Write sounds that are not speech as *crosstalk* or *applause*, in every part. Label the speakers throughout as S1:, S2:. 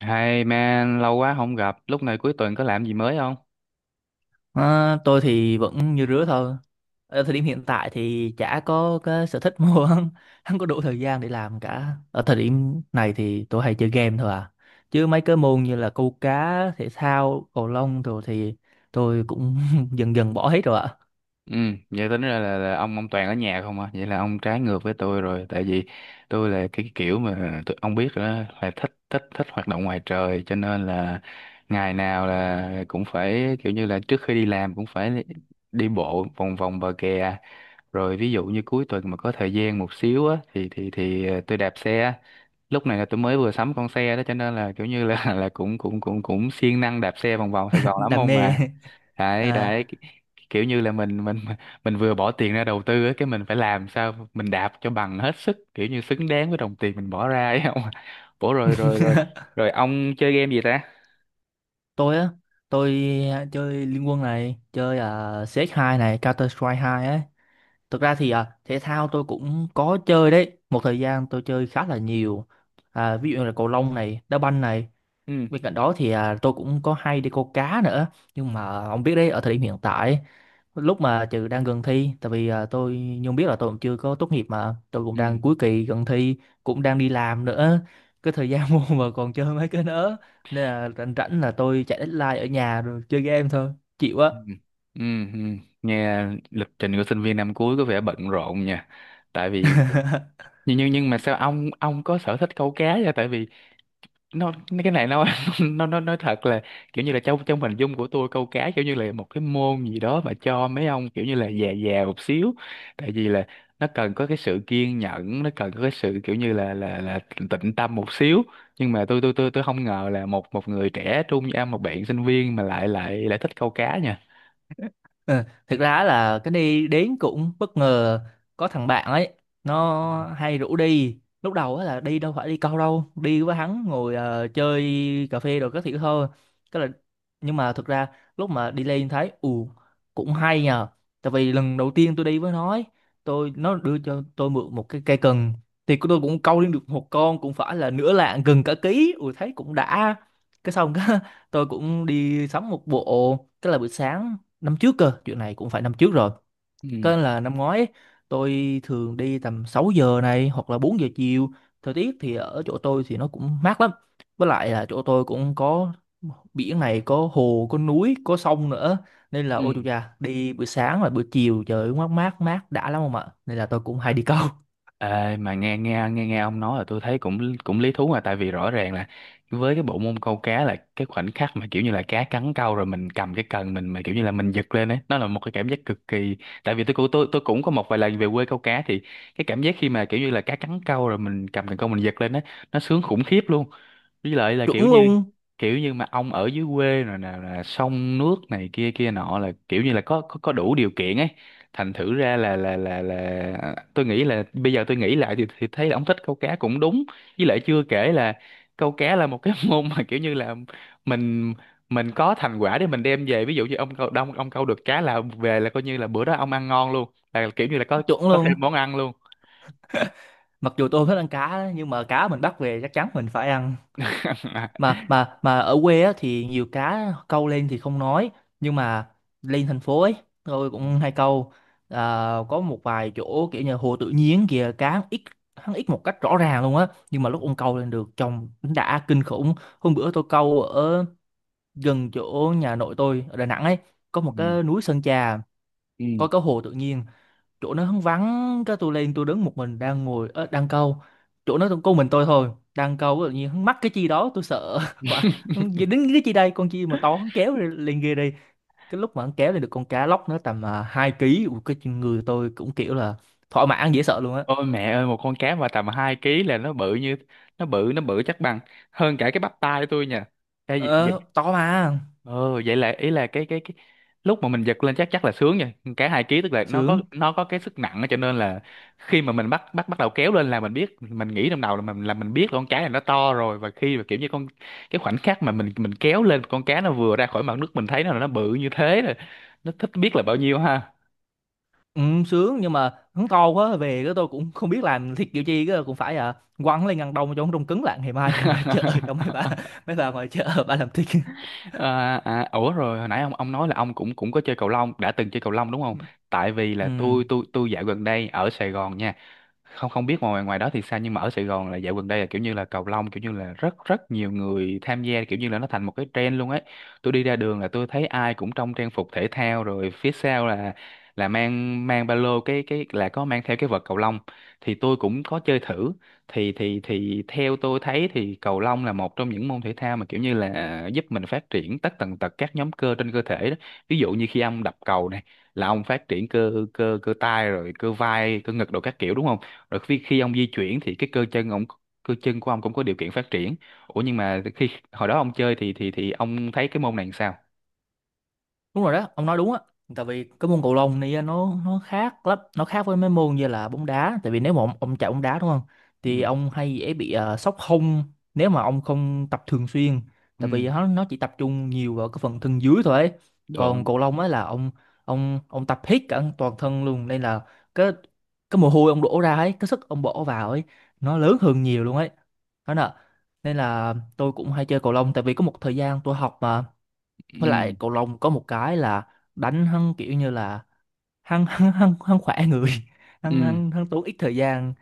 S1: Hey man, lâu quá không gặp, lúc này cuối tuần có làm gì mới không?
S2: À, tôi thì vẫn như rứa thôi. Ở thời điểm hiện tại thì chả có cái sở thích mua *laughs* không, không có đủ thời gian để làm cả. Ở thời điểm này thì tôi hay chơi game thôi à. Chứ mấy cái môn như là câu cá, thể thao, cầu lông rồi thì tôi cũng *laughs* dần dần bỏ hết rồi ạ.
S1: Ừ, vậy tính ra là ông Toàn ở nhà không à? Vậy là ông trái ngược với tôi rồi, tại vì tôi là cái kiểu mà tôi, ông biết rồi đó, là thích thích thích hoạt động ngoài trời, cho nên là ngày nào là cũng phải kiểu như là trước khi đi làm cũng phải đi bộ vòng vòng bờ kè. Rồi ví dụ như cuối tuần mà có thời gian một xíu á thì tôi đạp xe, lúc này là tôi mới vừa sắm con xe đó cho nên là kiểu như là *laughs* là cũng cũng cũng cũng siêng năng đạp xe vòng vòng Sài
S2: *laughs*
S1: Gòn lắm
S2: Đam
S1: ông
S2: mê.
S1: mà. Đấy,
S2: À,
S1: đấy, kiểu như là mình *laughs* mình vừa bỏ tiền ra đầu tư á, cái mình phải làm sao mình đạp cho bằng hết sức, kiểu như xứng đáng với đồng tiền mình bỏ ra ấy không bổ. *laughs* rồi rồi rồi
S2: *laughs*
S1: rồi ông chơi game gì ta?
S2: tôi á, tôi chơi Liên Quân này, chơi CS2 này, Counter Strike hai ấy. Thực ra thì à, thể thao tôi cũng có chơi đấy. Một thời gian tôi chơi khá là nhiều. À, ví dụ như là cầu lông này, đá banh này.
S1: Ừ,
S2: Bên cạnh đó thì à, tôi cũng có hay đi câu cá nữa. Nhưng mà ông biết đấy, ở thời điểm hiện tại, lúc mà trừ đang gần thi, tại vì à, tôi như ông biết là tôi cũng chưa có tốt nghiệp mà, tôi cũng đang
S1: ừ,
S2: cuối kỳ gần thi, cũng đang đi làm nữa. Cái thời gian *laughs* mua mà còn chơi mấy cái nữa. Nên là rảnh rảnh là tôi chạy deadline ở nhà rồi chơi game thôi. Chịu á.
S1: ừ, ừ, ừ. Nghe lịch trình của sinh viên năm cuối có vẻ bận rộn nha, tại vì
S2: *laughs*
S1: nhưng mà sao ông có sở thích câu cá vậy? Tại vì nó, cái này nó *laughs* nó nói thật là kiểu như là trong trong hình dung của tôi câu cá kiểu như là một cái môn gì đó mà cho mấy ông kiểu như là già già một xíu, tại vì là nó cần có cái sự kiên nhẫn, nó cần có cái sự kiểu như là tịnh tâm một xíu, nhưng mà tôi không ngờ là một một người trẻ trung như em, một bạn sinh viên mà lại lại lại thích câu cá nha.
S2: Ờ, thực ra á là cái đi đến cũng bất ngờ, có thằng bạn ấy nó hay rủ đi. Lúc đầu á là đi đâu phải đi câu đâu, đi với hắn ngồi ờ, chơi cà phê rồi các thứ thôi, cái là nhưng mà thực ra lúc mà đi lên thấy ù cũng hay nhờ. Tại vì lần đầu tiên tôi đi với nó ấy, tôi nó đưa cho tôi mượn một cái cây cần thì tôi cũng câu lên được một con cũng phải là nửa lạng gần cả ký, ui thấy cũng đã, cái xong cái *laughs* tôi cũng đi sắm một bộ, cái là buổi sáng năm trước cơ, chuyện này cũng phải năm trước rồi, có
S1: Ừ,
S2: nên là năm ngoái ấy, tôi thường đi tầm 6 giờ này hoặc là 4 giờ chiều. Thời tiết thì ở chỗ tôi thì nó cũng mát lắm, với lại là chỗ tôi cũng có biển này, có hồ có núi có sông nữa, nên là ôi chú
S1: ừ.
S2: cha đi buổi sáng và buổi chiều trời ơi, mát mát mát đã lắm không ạ, nên là tôi cũng hay đi câu. *laughs*
S1: Ê, mà nghe nghe nghe nghe ông nói là tôi thấy cũng cũng lý thú, mà tại vì rõ ràng là với cái bộ môn câu cá là cái khoảnh khắc mà kiểu như là cá cắn câu rồi mình cầm cái cần mình, mà kiểu như là mình giật lên ấy, nó là một cái cảm giác cực kỳ. Tại vì tôi cũng tôi cũng có một vài lần về quê câu cá thì cái cảm giác khi mà kiểu như là cá cắn câu rồi mình cầm cần câu mình giật lên ấy, nó sướng khủng khiếp luôn. Với lại là kiểu
S2: Chuẩn
S1: như,
S2: luôn.
S1: kiểu như mà ông ở dưới quê rồi nè, là sông nước này kia kia nọ, là kiểu như là có đủ điều kiện ấy, thành thử ra là à, tôi nghĩ là bây giờ tôi nghĩ lại thì thấy là ông thích câu cá cũng đúng. Với lại chưa kể là câu cá là một cái *laughs* môn mà kiểu như là mình mình có thành quả để mình đem về, ví dụ như ông câu đông ông câu được cá là về là coi như là bữa đó ông ăn ngon luôn, là kiểu như là
S2: Chuẩn
S1: có thêm
S2: luôn,
S1: món ăn luôn.
S2: mặc dù tôi không thích ăn cá nhưng mà cá mình bắt về chắc chắn mình phải ăn.
S1: *laughs*
S2: Mà ở quê á, thì nhiều cá câu lên thì không nói, nhưng mà lên thành phố ấy tôi cũng hay câu. À, có một vài chỗ kiểu như hồ tự nhiên kìa cá hắn ít, hắn ít một cách rõ ràng luôn á, nhưng mà lúc ông câu lên được trông đã kinh khủng. Hôm bữa tôi câu ở gần chỗ nhà nội tôi ở Đà Nẵng ấy, có một
S1: Ừ.
S2: cái núi Sơn Trà,
S1: Ừ.
S2: có cái hồ tự nhiên, chỗ nó hắn vắng, cái tôi lên tôi đứng một mình đang ngồi ờ, đang câu, chỗ nó có mình tôi thôi đang câu, tự nhiên hắn mắc cái chi đó tôi sợ *laughs* mà hắn đến cái chi đây, con chi mà to hắn kéo lên lên ghê đi. Cái lúc mà hắn kéo lên được con cá lóc nó tầm 2 kg. Ui, cái người tôi cũng kiểu là thỏa mãn dễ sợ luôn á.
S1: Ôi mẹ ơi, một con cá mà tầm 2 ký là nó bự như, nó bự, nó bự chắc bằng hơn cả cái bắp tay tôi nha. Ê, vậy, vậy.
S2: Ờ, to mà.
S1: Ờ vậy là ý là cái lúc mà mình giật lên chắc chắc là sướng rồi. Con cá 2 kg tức là nó có,
S2: Sướng.
S1: nó có cái sức nặng á, cho nên là khi mà mình bắt bắt bắt đầu kéo lên là mình biết, mình nghĩ trong đầu là mình, là mình biết là con cá này nó to rồi, và khi mà kiểu như con, cái khoảnh khắc mà mình kéo lên con cá nó vừa ra khỏi mặt nước mình thấy nó là nó bự như thế rồi. Nó thích biết là bao nhiêu ha.
S2: Ừ, sướng nhưng mà hắn to quá về cái tôi cũng không biết làm thịt kiểu chi, cái cũng phải à quăng lên ngăn đông cho nó đông cứng lại, ngày mai đem ra chợ *laughs* cho mấy bà, mấy bà ngoài chợ bà làm thịt.
S1: À, à, ủa rồi hồi nãy ông nói là ông cũng cũng có chơi cầu lông, đã từng chơi cầu lông đúng không? Tại vì
S2: *laughs*
S1: là
S2: Ừ.
S1: tôi dạo gần đây ở Sài Gòn nha, không không biết ngoài ngoài đó thì sao, nhưng mà ở Sài Gòn là dạo gần đây là kiểu như là cầu lông kiểu như là rất rất nhiều người tham gia, kiểu như là nó thành một cái trend luôn ấy. Tôi đi ra đường là tôi thấy ai cũng trong trang phục thể thao, rồi phía sau là mang mang ba lô, cái là có mang theo cái vợt cầu lông. Thì tôi cũng có chơi thử, thì thì theo tôi thấy thì cầu lông là một trong những môn thể thao mà kiểu như là giúp mình phát triển tất tần tật các nhóm cơ trên cơ thể đó. Ví dụ như khi ông đập cầu này, là ông phát triển cơ cơ cơ tay rồi cơ vai, cơ ngực đồ các kiểu đúng không, rồi khi khi ông di chuyển thì cái cơ chân ông, cơ chân của ông cũng có điều kiện phát triển. Ủa nhưng mà khi hồi đó ông chơi thì ông thấy cái môn này làm sao?
S2: Đúng rồi đó, ông nói đúng á. Tại vì cái môn cầu lông này á, nó khác lắm, nó khác với mấy môn như là bóng đá. Tại vì nếu mà ông chạy bóng đá đúng không,
S1: Ừ,
S2: thì ông hay dễ bị sốc hông nếu mà ông không tập thường xuyên. Tại
S1: ừ,
S2: vì nó chỉ tập trung nhiều vào cái phần thân dưới thôi ấy. Còn
S1: đúng,
S2: cầu lông á là ông, ông tập hết cả toàn thân luôn, nên là cái cái mồ hôi ông đổ ra ấy, cái sức ông bỏ vào ấy nó lớn hơn nhiều luôn ấy, đó nè. Nên là tôi cũng hay chơi cầu lông tại vì có một thời gian tôi học mà. Với lại
S1: ừ,
S2: cầu lông có một cái là đánh hắn kiểu như là hắn *laughs* hắn hắn hắn khỏe người, *laughs*
S1: ừ,
S2: hắn hắn hắn tốn ít thời gian.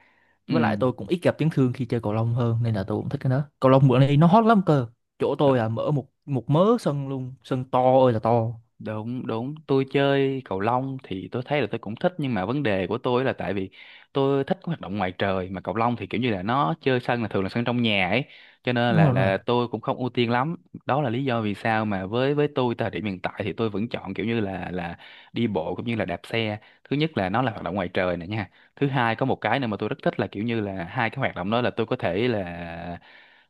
S1: ừ.
S2: Với lại tôi cũng ít gặp chấn thương khi chơi cầu lông hơn, nên là tôi cũng thích cái đó. Cầu lông bữa nay nó hot lắm cơ, chỗ tôi là mở một, một mớ sân luôn, sân to ơi là to.
S1: Đúng, đúng. Tôi chơi cầu lông thì tôi thấy là tôi cũng thích, nhưng mà vấn đề của tôi là tại vì tôi thích hoạt động ngoài trời mà cầu lông thì kiểu như là nó chơi sân là thường là sân trong nhà ấy, cho nên
S2: Đúng rồi đúng rồi.
S1: là tôi cũng không ưu tiên lắm. Đó là lý do vì sao mà với tôi thời điểm hiện tại thì tôi vẫn chọn kiểu như là đi bộ cũng như là đạp xe. Thứ nhất là nó là hoạt động ngoài trời nè nha. Thứ hai có một cái nữa mà tôi rất thích là kiểu như là hai cái hoạt động đó là tôi có thể là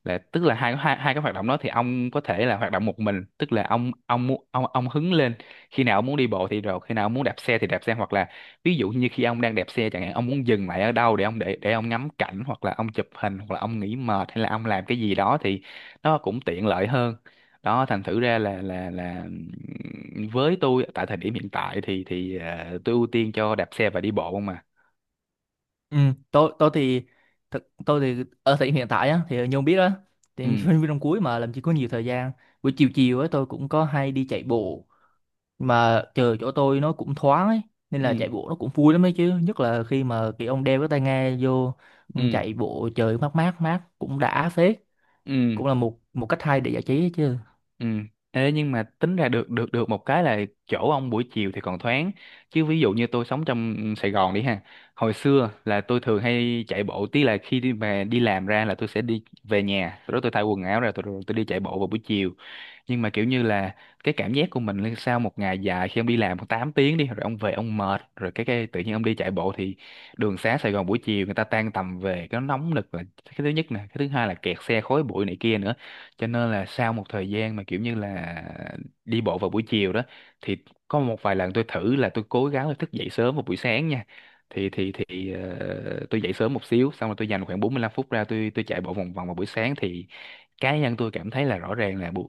S1: là tức là hai hai hai cái hoạt động đó thì ông có thể là hoạt động một mình, tức là ông mu- ông hứng lên khi nào ông muốn đi bộ thì, rồi khi nào ông muốn đạp xe thì đạp xe, hoặc là ví dụ như khi ông đang đạp xe chẳng hạn, ông muốn dừng lại ở đâu để ông, để ông ngắm cảnh hoặc là ông chụp hình hoặc là ông nghỉ mệt hay là ông làm cái gì đó thì nó cũng tiện lợi hơn. Đó, thành thử ra là với tôi tại thời điểm hiện tại thì thì tôi ưu tiên cho đạp xe và đi bộ không mà.
S2: Ừ. Tôi thì thực tôi thì ở thời điểm hiện tại á thì như ông biết á, thì
S1: Ừ,
S2: sinh viên năm cuối mà làm gì có nhiều thời gian. Buổi chiều chiều ấy tôi cũng có hay đi chạy bộ, mà trời chỗ tôi nó cũng thoáng ấy, nên là
S1: ừ,
S2: chạy bộ nó cũng vui lắm ấy chứ, nhất là khi mà cái ông đeo cái tai nghe vô, ông
S1: ừ,
S2: chạy bộ trời mát mát mát cũng đã phết.
S1: ừ,
S2: Cũng là một, một cách hay để giải trí ấy chứ.
S1: ừ. Ê, nhưng mà tính ra được được được một cái là chỗ ông buổi chiều thì còn thoáng, chứ ví dụ như tôi sống trong Sài Gòn đi ha, hồi xưa là tôi thường hay chạy bộ tí là khi đi về đi làm ra là tôi sẽ đi về nhà, sau đó tôi thay quần áo ra tôi, rồi tôi đi chạy bộ vào buổi chiều. Nhưng mà kiểu như là cái cảm giác của mình là sau một ngày dài khi ông đi làm 8 tiếng đi rồi ông về ông mệt rồi, cái tự nhiên ông đi chạy bộ thì đường xá Sài Gòn buổi chiều người ta tan tầm về, cái nóng nực là cái thứ nhất nè, cái thứ hai là kẹt xe, khói bụi này kia nữa. Cho nên là sau một thời gian mà kiểu như là đi bộ vào buổi chiều đó thì có một vài lần tôi thử là tôi cố gắng là thức dậy sớm vào buổi sáng nha, thì tôi dậy sớm một xíu xong rồi tôi dành khoảng 45 phút ra tôi chạy bộ vòng vòng vào buổi sáng thì cá nhân tôi cảm thấy là rõ ràng là bu-,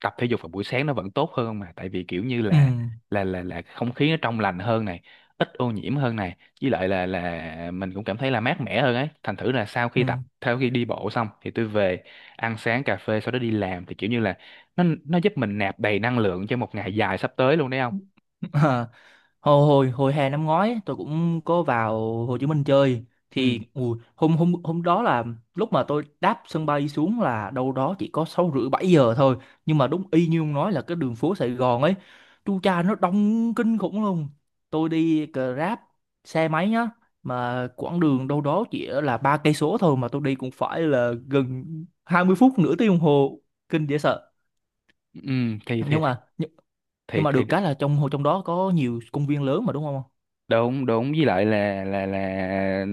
S1: tập thể dục vào buổi sáng nó vẫn tốt hơn không mà, tại vì kiểu như
S2: Ừ.
S1: là là không khí nó trong lành hơn này, ít ô nhiễm hơn này, với lại là mình cũng cảm thấy là mát mẻ hơn ấy, thành thử là sau
S2: Ừ.
S1: khi tập, sau khi đi bộ xong thì tôi về ăn sáng cà phê sau đó đi làm thì kiểu như là nó giúp mình nạp đầy năng lượng cho một ngày dài sắp tới luôn đấy không.
S2: *laughs* hồi hồi hồi hè năm ngoái ấy, tôi cũng có vào Hồ Chí Minh chơi.
S1: Ừ,
S2: Thì ui, hôm hôm hôm đó là lúc mà tôi đáp sân bay xuống là đâu đó chỉ có 6 rưỡi 7 giờ thôi, nhưng mà đúng y như ông nói là cái đường phố Sài Gòn ấy, chu cha nó đông kinh khủng luôn. Tôi đi Grab xe máy nhá, mà quãng đường đâu đó chỉ là 3 cây số thôi mà tôi đi cũng phải là gần 20 phút, nửa tiếng đồng hồ, kinh dễ sợ.
S1: ừ, thì thì
S2: nhưng mà nhưng, nhưng
S1: thì thì,
S2: mà
S1: thì
S2: được cái là trong, trong đó có nhiều công viên lớn mà đúng không.
S1: đúng, đúng, với lại là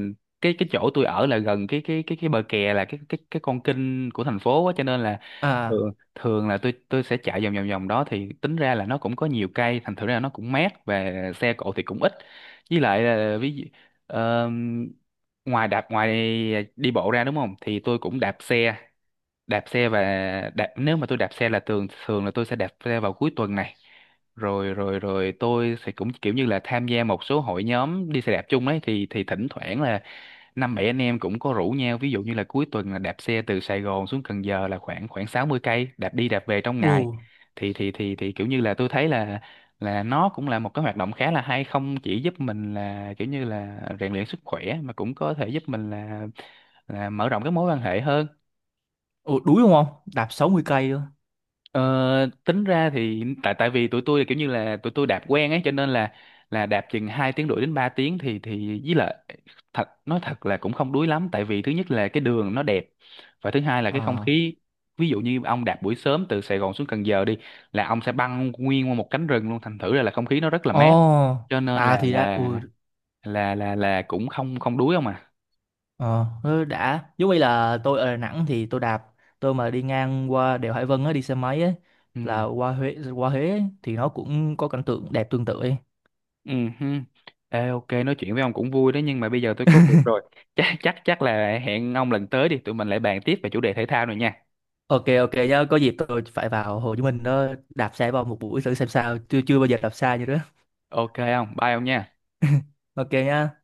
S1: cái chỗ tôi ở là gần cái bờ kè, là cái con kênh của thành phố á, cho nên là
S2: À.
S1: thường thường là tôi sẽ chạy vòng vòng vòng đó thì tính ra là nó cũng có nhiều cây, thành thử ra nó cũng mát và xe cộ thì cũng ít. Với lại là ví dụ ờ, ngoài đạp, ngoài đi bộ ra đúng không thì tôi cũng đạp xe, đạp xe và đạp, nếu mà tôi đạp xe là thường thường là tôi sẽ đạp xe vào cuối tuần này, rồi rồi rồi tôi sẽ cũng kiểu như là tham gia một số hội nhóm đi xe đạp chung ấy, thì thỉnh thoảng là năm bảy anh em cũng có rủ nhau, ví dụ như là cuối tuần là đạp xe từ Sài Gòn xuống Cần Giờ là khoảng khoảng 60 cây đạp đi đạp về trong
S2: Ồ.
S1: ngày, thì kiểu như là tôi thấy là nó cũng là một cái hoạt động khá là hay, không chỉ giúp mình là kiểu như là rèn luyện sức khỏe mà cũng có thể giúp mình là mở rộng cái mối quan hệ hơn.
S2: Ồ đuối đúng không? Đạp 60 cây luôn.
S1: Ờ, tính ra thì tại tại vì tụi tôi là kiểu như là tụi tôi đạp quen ấy cho nên là đạp chừng 2 tiếng rưỡi đến 3 tiếng thì với lại thật nói thật là cũng không đuối lắm, tại vì thứ nhất là cái đường nó đẹp và thứ hai là cái không
S2: Ờ.
S1: khí, ví dụ như ông đạp buổi sớm từ Sài Gòn xuống Cần Giờ đi là ông sẽ băng nguyên qua một cánh rừng luôn, thành thử ra là không khí nó rất là
S2: Ồ.
S1: mát, cho nên
S2: À
S1: là
S2: thì đã.
S1: là
S2: Ừ
S1: là là là cũng không không đuối ông à.
S2: ờ ừ, đã. Giống như là tôi ở Đà Nẵng thì tôi đạp, tôi mà đi ngang qua đèo Hải Vân á đi xe máy ấy là
S1: Ừ.
S2: qua Huế, qua Huế ấy, thì nó cũng có cảnh tượng đẹp tương tự ấy.
S1: Ừ, hừ. Ê, ok nói chuyện với ông cũng vui đó nhưng mà bây giờ tôi có việc rồi, chắc chắc chắc là hẹn ông lần tới đi tụi mình lại bàn tiếp về chủ đề thể thao này nha.
S2: Ok ok nhá, có dịp tôi phải vào Hồ Chí Minh đó, đạp xe vào một buổi thử xem sao. Chưa chưa bao giờ đạp xa như đó.
S1: Ok ông bye ông nha.
S2: Ok nhá.